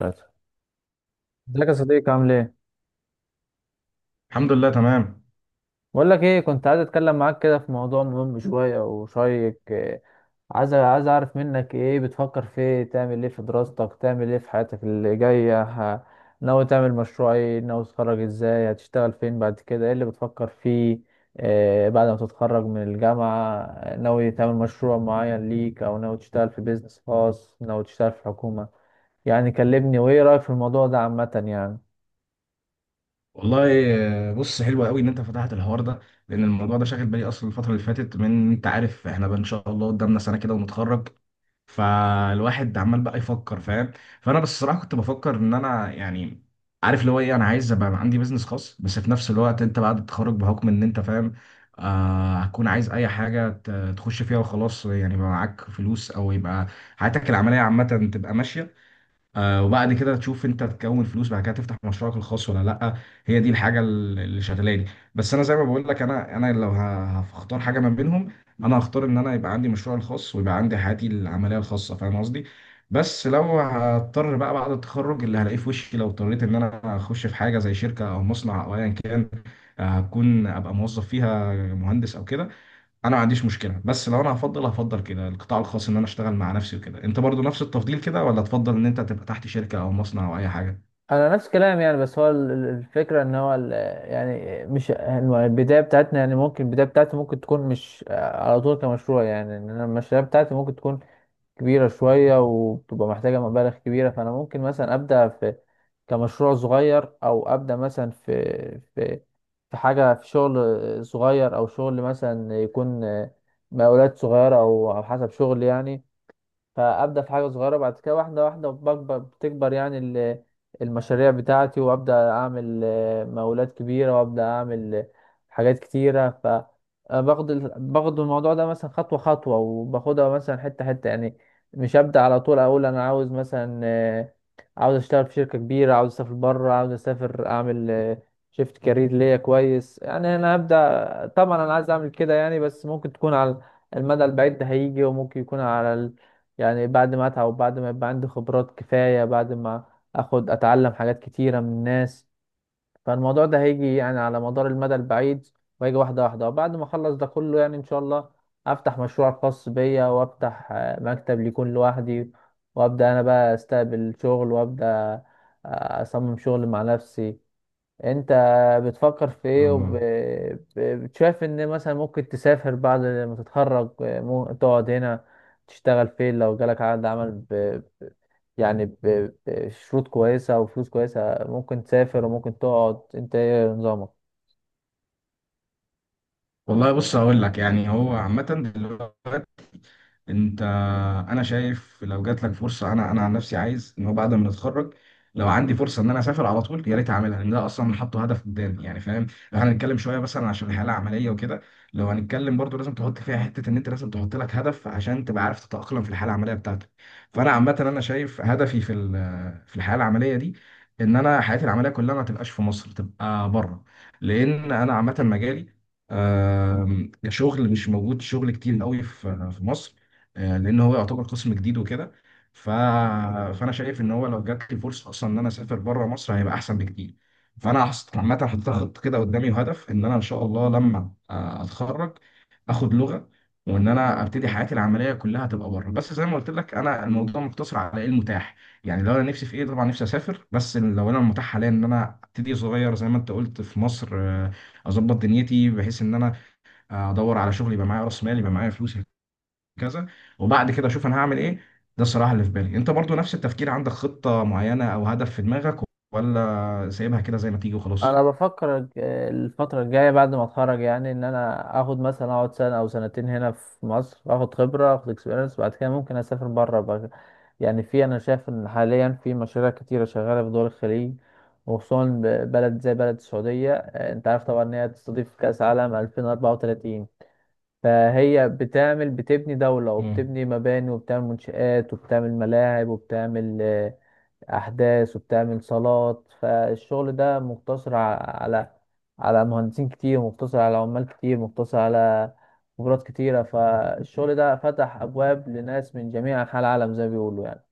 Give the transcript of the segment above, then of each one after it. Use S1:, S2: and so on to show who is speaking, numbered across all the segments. S1: ثلاثة. ازيك يا صديقي؟ عامل ايه؟
S2: الحمد لله تمام.
S1: بقول لك ايه، كنت عايز اتكلم معاك كده في موضوع مهم شوية وشيق. إيه، عايز عايز اعرف منك ايه بتفكر، في ايه تعمل، ايه في دراستك، تعمل ايه في حياتك اللي جاية؟ ناوي تعمل مشروع ايه؟ ناوي تتخرج ازاي؟ هتشتغل فين بعد كده؟ ايه اللي بتفكر فيه إيه بعد ما تتخرج من الجامعة؟ ناوي تعمل مشروع معين ليك او ناوي تشتغل في بيزنس خاص، ناوي تشتغل في حكومة؟ يعني كلمني، وايه رأيك في الموضوع ده عامة يعني.
S2: والله، آه، بص، حلو قوي ان انت فتحت الحوار ده. لان الموضوع ده شاغل بالي اصلا الفتره اللي فاتت. من انت عارف احنا بقى ان شاء الله قدامنا سنه كده ونتخرج. فالواحد عمال بقى يفكر، فاهم؟ فانا بس الصراحه كنت بفكر ان انا يعني عارف اللي هو ايه، انا عايز ابقى عندي بيزنس خاص. بس في نفس الوقت انت بعد التخرج بحكم ان انت فاهم، آه، هتكون عايز اي حاجه تخش فيها وخلاص، يعني يبقى معاك فلوس او يبقى حياتك العمليه عامه تبقى ماشيه. آه، وبعد كده تشوف انت تكون فلوس بعد كده تفتح مشروعك الخاص ولا لا. هي دي الحاجه اللي شغلاني. بس انا زي ما بقول لك انا لو هختار حاجه ما بينهم. انا هختار ان انا يبقى عندي مشروع الخاص ويبقى عندي حياتي العمليه الخاصه، فاهم قصدي؟ بس لو هضطر بقى بعد التخرج اللي هلاقيه في وشي، لو اضطريت ان انا اخش في حاجه زي شركه او مصنع او ايا كان، آه، هكون ابقى موظف فيها مهندس او كده. انا ما عنديش مشكله. بس لو انا هفضل كده القطاع الخاص ان انا اشتغل مع نفسي وكده، انت برضو نفس التفضيل كده ولا تفضل ان انت تبقى تحت شركه او مصنع او اي حاجه؟
S1: انا نفس كلام يعني، بس هو الفكره ان يعني مش البدايه بتاعتنا، يعني ممكن البدايه بتاعتي ممكن تكون مش على طول كمشروع، يعني ان انا المشاريع بتاعتي ممكن تكون كبيره شويه وبتبقى محتاجه مبالغ كبيره. فانا ممكن مثلا ابدا في كمشروع صغير او ابدا مثلا في في حاجه، في شغل صغير، او شغل مثلا يكون مقاولات صغيره او او حسب شغل يعني. فابدا في حاجه صغيره، بعد كده واحده واحده بكبر بتكبر يعني المشاريع بتاعتي، وابدا اعمل مقاولات كبيره، وابدا اعمل حاجات كتيره. ف آه، باخد باخد الموضوع ده مثلا خطوه خطوه، وباخدها مثلا حته حته يعني. مش ابدا على طول اقول انا عاوز مثلا عاوز اشتغل في شركه كبيره، عاوز اسافر بره، عاوز اسافر اعمل شيفت كارير ليا كويس يعني. انا هبدا طبعا، انا عايز اعمل كده يعني، بس ممكن تكون على المدى البعيد. ده هيجي وممكن يكون على يعني بعد ما اتعب، وبعد ما يبقى عندي خبرات كفاية، بعد ما اخد اتعلم حاجات كتيرة من الناس. فالموضوع ده هيجي يعني على مدار المدى البعيد، وهيجي واحدة واحدة. وبعد ما اخلص ده كله يعني ان شاء الله افتح مشروع خاص بيا، وافتح مكتب ليكون لوحدي، وابدا انا بقى استقبل شغل، وابدا اصمم شغل مع نفسي. انت بتفكر في ايه؟
S2: الله.
S1: وبتشايف ان مثلا ممكن تسافر بعد ما تتخرج، تقعد هنا تشتغل فين؟ لو جالك عقد عمل ب... يعني ب... بشروط كويسة وفلوس كويسة، ممكن تسافر وممكن تقعد؟ انت ايه نظامك؟
S2: والله، بص هقول لك، يعني هو عامه دلوقتي، انت، انا شايف لو جات لك فرصه، انا عن نفسي عايز ان هو بعد ما نتخرج لو عندي فرصه ان انا اسافر على طول يا ريت اعملها، لان ده اصلا حاطه هدف قدامي، يعني فاهم؟ لو هنتكلم شويه مثلا عشان الحاله العمليه وكده، لو هنتكلم برضو لازم تحط فيها حته ان انت لازم تحط لك هدف عشان تبقى عارف تتاقلم في الحاله العمليه بتاعتك. فانا عامه انا شايف هدفي في في الحياه العمليه دي ان انا حياتي العمليه كلها ما تبقاش في مصر، تبقى بره. لان انا عامه مجالي، كشغل مش موجود شغل كتير قوي في مصر. آه، لان هو يعتبر قسم جديد وكده. ف... فانا شايف ان هو لو جات لي فرصه اصلا ان انا اسافر بره مصر هيبقى احسن بكتير. فانا عامه حطيت خطه كده قدامي وهدف ان انا ان شاء الله لما، آه، اتخرج، اخد لغه وان انا ابتدي حياتي العمليه كلها تبقى بره. بس زي ما قلت لك انا الموضوع مقتصر على ايه المتاح. يعني لو انا نفسي في ايه طبعا نفسي اسافر، بس لو انا المتاح حاليا ان انا ابتدي صغير زي ما انت قلت في مصر، آه، اظبط دنيتي بحيث ان انا، آه، ادور على شغل، يبقى معايا راس مال، يبقى معايا فلوس، كذا. وبعد كده اشوف انا هعمل ايه. ده الصراحه اللي في بالي. انت برضو نفس التفكير؟ عندك خطه معينه او هدف في دماغك ولا سايبها كده زي ما تيجي وخلاص؟
S1: انا بفكر الفتره الجايه بعد ما اتخرج، يعني ان انا اخد مثلا اقعد سنه او سنتين هنا في مصر، اخد خبره، اخد اكسبيرينس، بعد كده ممكن اسافر بره بقى. يعني في، انا شايف ان حاليا في مشاريع كتيره شغاله في دول الخليج، وخصوصا بلد زي بلد السعوديه. انت عارف طبعا ان هي تستضيف كاس عالم 2034، فهي بتعمل، بتبني دوله،
S2: مم.
S1: وبتبني مباني، وبتعمل منشآت، وبتعمل ملاعب، وبتعمل احداث، وبتعمل صالات. فالشغل ده مقتصر على على مهندسين كتير، مقتصر على عمال كتير، مقتصر على خبرات كتيرة. فالشغل ده فتح ابواب لناس من جميع انحاء العالم زي ما بيقولوا يعني.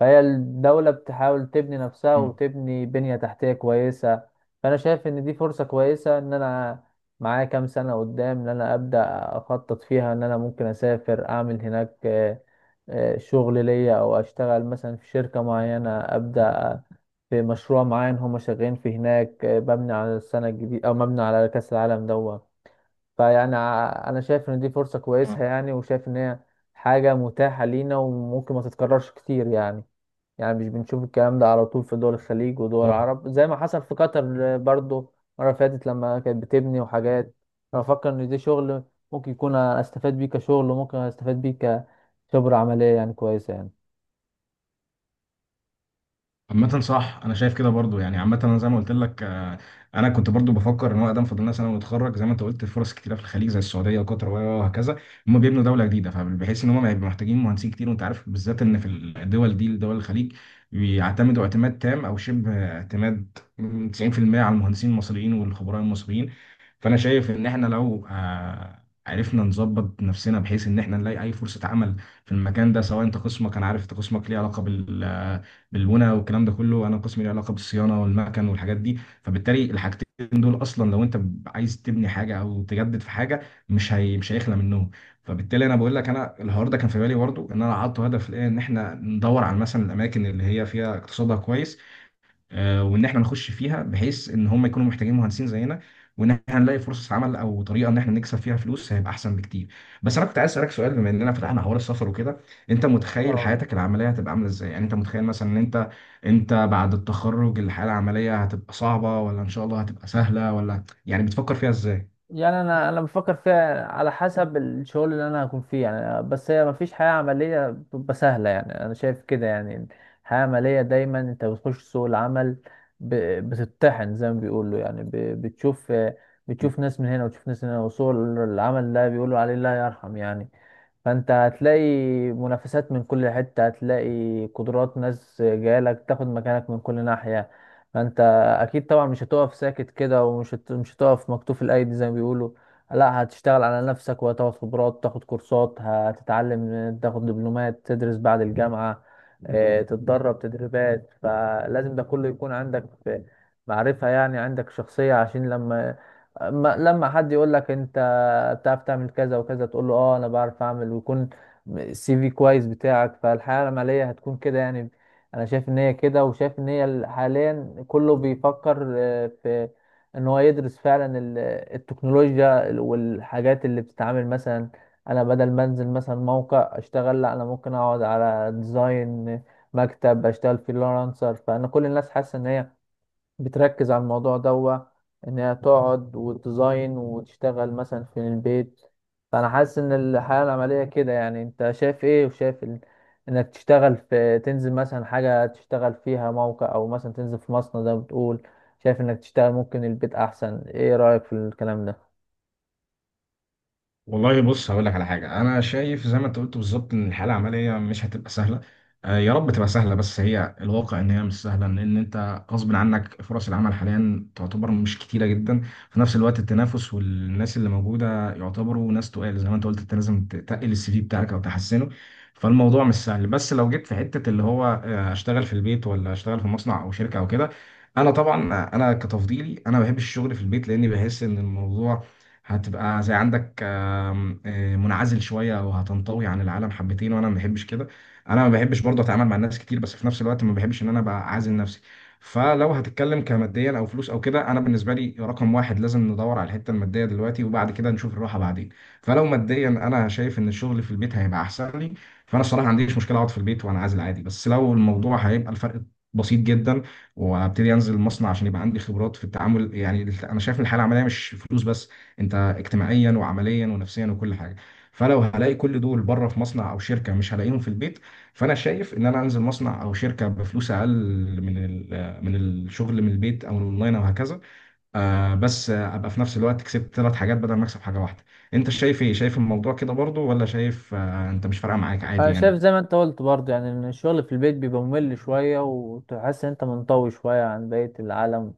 S1: فهي الدولة بتحاول تبني نفسها
S2: مم.
S1: وتبني بنية تحتية كويسة. فأنا شايف إن دي فرصة كويسة، إن أنا معايا كام سنة قدام إن أنا أبدأ أخطط فيها، إن أنا ممكن أسافر أعمل هناك شغل ليا، أو أشتغل مثلا في شركة معينة، أبدأ في مشروع معين هما شغالين فيه هناك، مبني على السنة الجديدة أو مبني على كأس العالم دوت. فيعني أنا شايف إن دي فرصة
S2: مم.
S1: كويسة يعني، وشايف إن هي حاجة متاحة لينا، وممكن ما تتكررش كتير يعني. يعني مش بنشوف الكلام ده على طول في دول الخليج ودول
S2: صح.
S1: العرب، زي ما حصل في قطر برضو المرة اللي فاتت لما كانت بتبني وحاجات. أنا بفكر إن ده شغل ممكن يكون أستفاد بيه كشغل، وممكن أستفاد بيه كخبرة عملية يعني كويسة يعني.
S2: عامة صح، أنا شايف كده برضو يعني. عامة أنا زي ما قلت لك، آه، أنا كنت برضو بفكر إن هو أقدم فاضل لنا سنة ونتخرج، زي ما أنت قلت فرص كتيرة في الخليج زي السعودية وقطر وهكذا. هم بيبنوا دولة جديدة فبحيث إن هم هيبقوا محتاجين مهندسين كتير. وأنت عارف بالذات إن في الدول دي دول الخليج بيعتمدوا اعتماد تام أو شبه اعتماد 90% على المهندسين المصريين والخبراء المصريين. فأنا شايف إن إحنا لو، آه، عرفنا نظبط نفسنا بحيث إن إحنا نلاقي أي فرصة عمل في المكان ده، سواء أنت قسمك، أنا عارف أنت قسمك ليه علاقة بالبنى والكلام ده كله، انا قسمي له علاقه بالصيانه والمكن والحاجات دي. فبالتالي الحاجتين دول اصلا لو انت عايز تبني حاجه او تجدد في حاجه، مش هيخلى منهم. فبالتالي انا بقول لك، انا الهارد ده كان في بالي برضه ان انا حاطه هدف الان ان احنا ندور على مثلا الاماكن اللي هي فيها اقتصادها كويس، آه، وان احنا نخش فيها بحيث ان هم يكونوا محتاجين مهندسين زينا، وان احنا نلاقي فرصة عمل او طريقة ان احنا نكسب فيها فلوس هيبقى احسن بكتير. بس انا كنت عايز اسالك سؤال، بما اننا فتحنا حوار السفر وكده، انت متخيل
S1: اه.
S2: حياتك العملية هتبقى عاملة ازاي؟ يعني انت متخيل مثلا ان انت، انت بعد التخرج الحياة العملية هتبقى صعبة ولا ان شاء الله هتبقى سهلة ولا يعني بتفكر فيها ازاي؟
S1: يعني انا بفكر فيها على حسب الشغل اللي انا هكون فيه يعني، بس هي مفيش حياة عملية بتبقى سهلة يعني، انا شايف كده يعني. الحياة العملية دايما انت بتخش سوق العمل، ب- بتتطحن زي ما بيقولوا يعني. بتشوف ناس من هنا وتشوف ناس من هنا، وسوق العمل ده بيقولوا عليه لا يرحم يعني. فانت هتلاقي منافسات من كل حتة، هتلاقي قدرات ناس جايلك تاخد مكانك من كل ناحية. فانت اكيد طبعا مش هتقف ساكت كده، ومش هت... مش هتقف مكتوف الايدي زي ما بيقولوا. لا، هتشتغل على نفسك، وهتاخد خبرات، تاخد كورسات، هتتعلم، تاخد دبلومات، تدرس بعد الجامعة، تتدرب تدريبات. فلازم ده كله يكون عندك في معرفة يعني، عندك شخصية، عشان لما لما حد يقول لك انت بتعرف تعمل كذا وكذا، تقول له اه انا بعرف اعمل، ويكون السي في كويس بتاعك. فالحياة العملية هتكون كده يعني. انا شايف ان هي كده، وشايف ان هي حاليا كله بيفكر في ان هو يدرس فعلا التكنولوجيا والحاجات اللي بتتعامل. مثلا انا بدل ما انزل مثلا موقع اشتغل، لا، انا ممكن اقعد على ديزاين مكتب، اشتغل فريلانسر. فانا كل الناس حاسه ان هي بتركز على الموضوع دوا، انها تقعد وتديزاين وتشتغل مثلا في البيت. فانا حاسس ان الحياة العملية كده يعني. انت شايف ايه؟ وشايف ال... انك تشتغل في، تنزل مثلا حاجة تشتغل فيها موقع، او مثلا تنزل في مصنع زي ما بتقول؟ شايف انك تشتغل ممكن البيت احسن؟ ايه رأيك في الكلام ده؟
S2: والله بص هقول لك على حاجه، انا شايف زي ما انت قلت بالظبط ان الحاله العمليه مش هتبقى سهله. آه، يا رب تبقى سهله، بس هي الواقع ان هي مش سهله. لان انت غصب عنك فرص العمل حاليا تعتبر مش كتيره جدا. في نفس الوقت التنافس والناس اللي موجوده يعتبروا ناس تقال، زي ما انت قلت انت لازم تقل السي في بتاعك او تحسنه. فالموضوع مش سهل. بس لو جيت في حته اللي هو، آه، اشتغل في البيت ولا اشتغل في مصنع او شركه او كده، انا طبعا، آه، انا كتفضيلي انا بحب الشغل في البيت، لان بحس ان الموضوع هتبقى زي عندك، آه، منعزل شويه او هتنطوي عن العالم حبتين، وانا ما بحبش كده. انا ما بحبش برضه اتعامل مع الناس كتير، بس في نفس الوقت ما بحبش ان انا ابقى عازل نفسي. فلو هتتكلم كماديا او فلوس او كده، انا بالنسبه لي رقم واحد لازم ندور على الحته الماديه دلوقتي وبعد كده نشوف الراحه بعدين. فلو ماديا انا شايف ان الشغل في البيت هيبقى احسن لي. فانا الصراحه ما عنديش مشكله اقعد في البيت وانا عازل عادي، بس لو الموضوع هيبقى الفرق بسيط جدا، وابتدي انزل المصنع عشان يبقى عندي خبرات في التعامل، يعني انا شايف ان الحاله العمليه مش فلوس بس، انت اجتماعيا وعمليا ونفسيا وكل حاجه. فلو هلاقي كل دول بره في مصنع او شركه مش هلاقيهم في البيت. فانا شايف ان انا انزل مصنع او شركه بفلوس اقل من من الشغل من البيت او الاونلاين او هكذا، آه، بس آه، ابقى في نفس الوقت كسبت ثلاث حاجات بدل ما اكسب حاجه واحده. انت شايف ايه؟ شايف الموضوع كده برضو ولا شايف، آه، انت مش فارقه معاك عادي
S1: أنا شايف
S2: يعني؟
S1: زي ما انت قلت برضه يعني، ان الشغل في البيت بيبقى ممل شوية، وتحس ان انت منطوي شوية عن بقية العالم.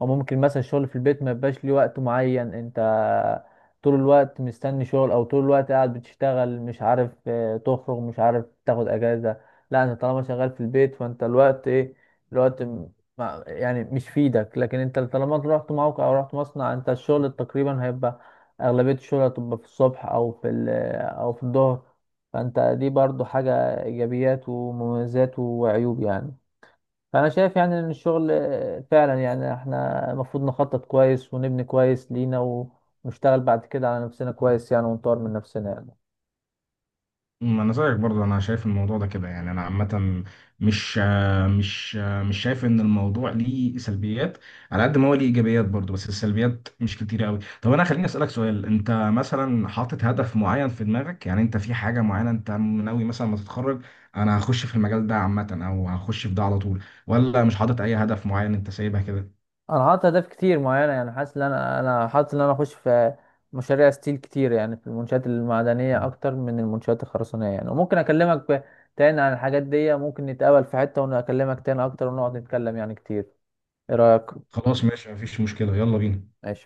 S1: وممكن مثلا الشغل في البيت ما يبقاش ليه وقت معين، انت طول الوقت مستني شغل، او طول الوقت قاعد بتشتغل، مش عارف تخرج، مش عارف تاخد اجازة. لا، انت طالما شغال في البيت فانت الوقت ايه، الوقت م- يعني مش في ايدك. لكن انت طالما رحت موقع او رحت مصنع، انت الشغل تقريبا هيبقى اغلبية الشغل هتبقى في الصبح او في او في الظهر. فانت دي برضو حاجة ايجابيات ومميزات وعيوب يعني. فانا شايف يعني ان الشغل فعلا يعني احنا المفروض نخطط كويس، ونبني كويس لينا، ونشتغل بعد كده على نفسنا كويس يعني، ونطور من نفسنا يعني.
S2: ما انا زيك برضو، انا شايف الموضوع ده كده يعني. انا عامه مش مش شايف ان الموضوع ليه سلبيات على قد ما هو ليه ايجابيات برضو، بس السلبيات مش كتيره قوي. طب انا خليني اسالك سؤال، انت مثلا حاطط هدف معين في دماغك؟ يعني انت في حاجه معينه انت ناوي مثلا ما تتخرج انا هخش في المجال ده عامه او هخش في ده على طول، ولا مش حاطط اي هدف معين انت سايبها كده؟
S1: انا حاطط اهداف كتير معينة يعني، حاسس ان انا حاطط ان انا اخش في مشاريع ستيل كتير يعني، في المنشآت المعدنية اكتر من المنشآت الخرسانية يعني. وممكن اكلمك تاني عن الحاجات دي، ممكن نتقابل في حتة وانا اكلمك تاني اكتر ونقعد نتكلم يعني كتير. ايه رأيك؟
S2: خلاص، ماشي، مفيش مشكله، يلا بينا.
S1: ماشي.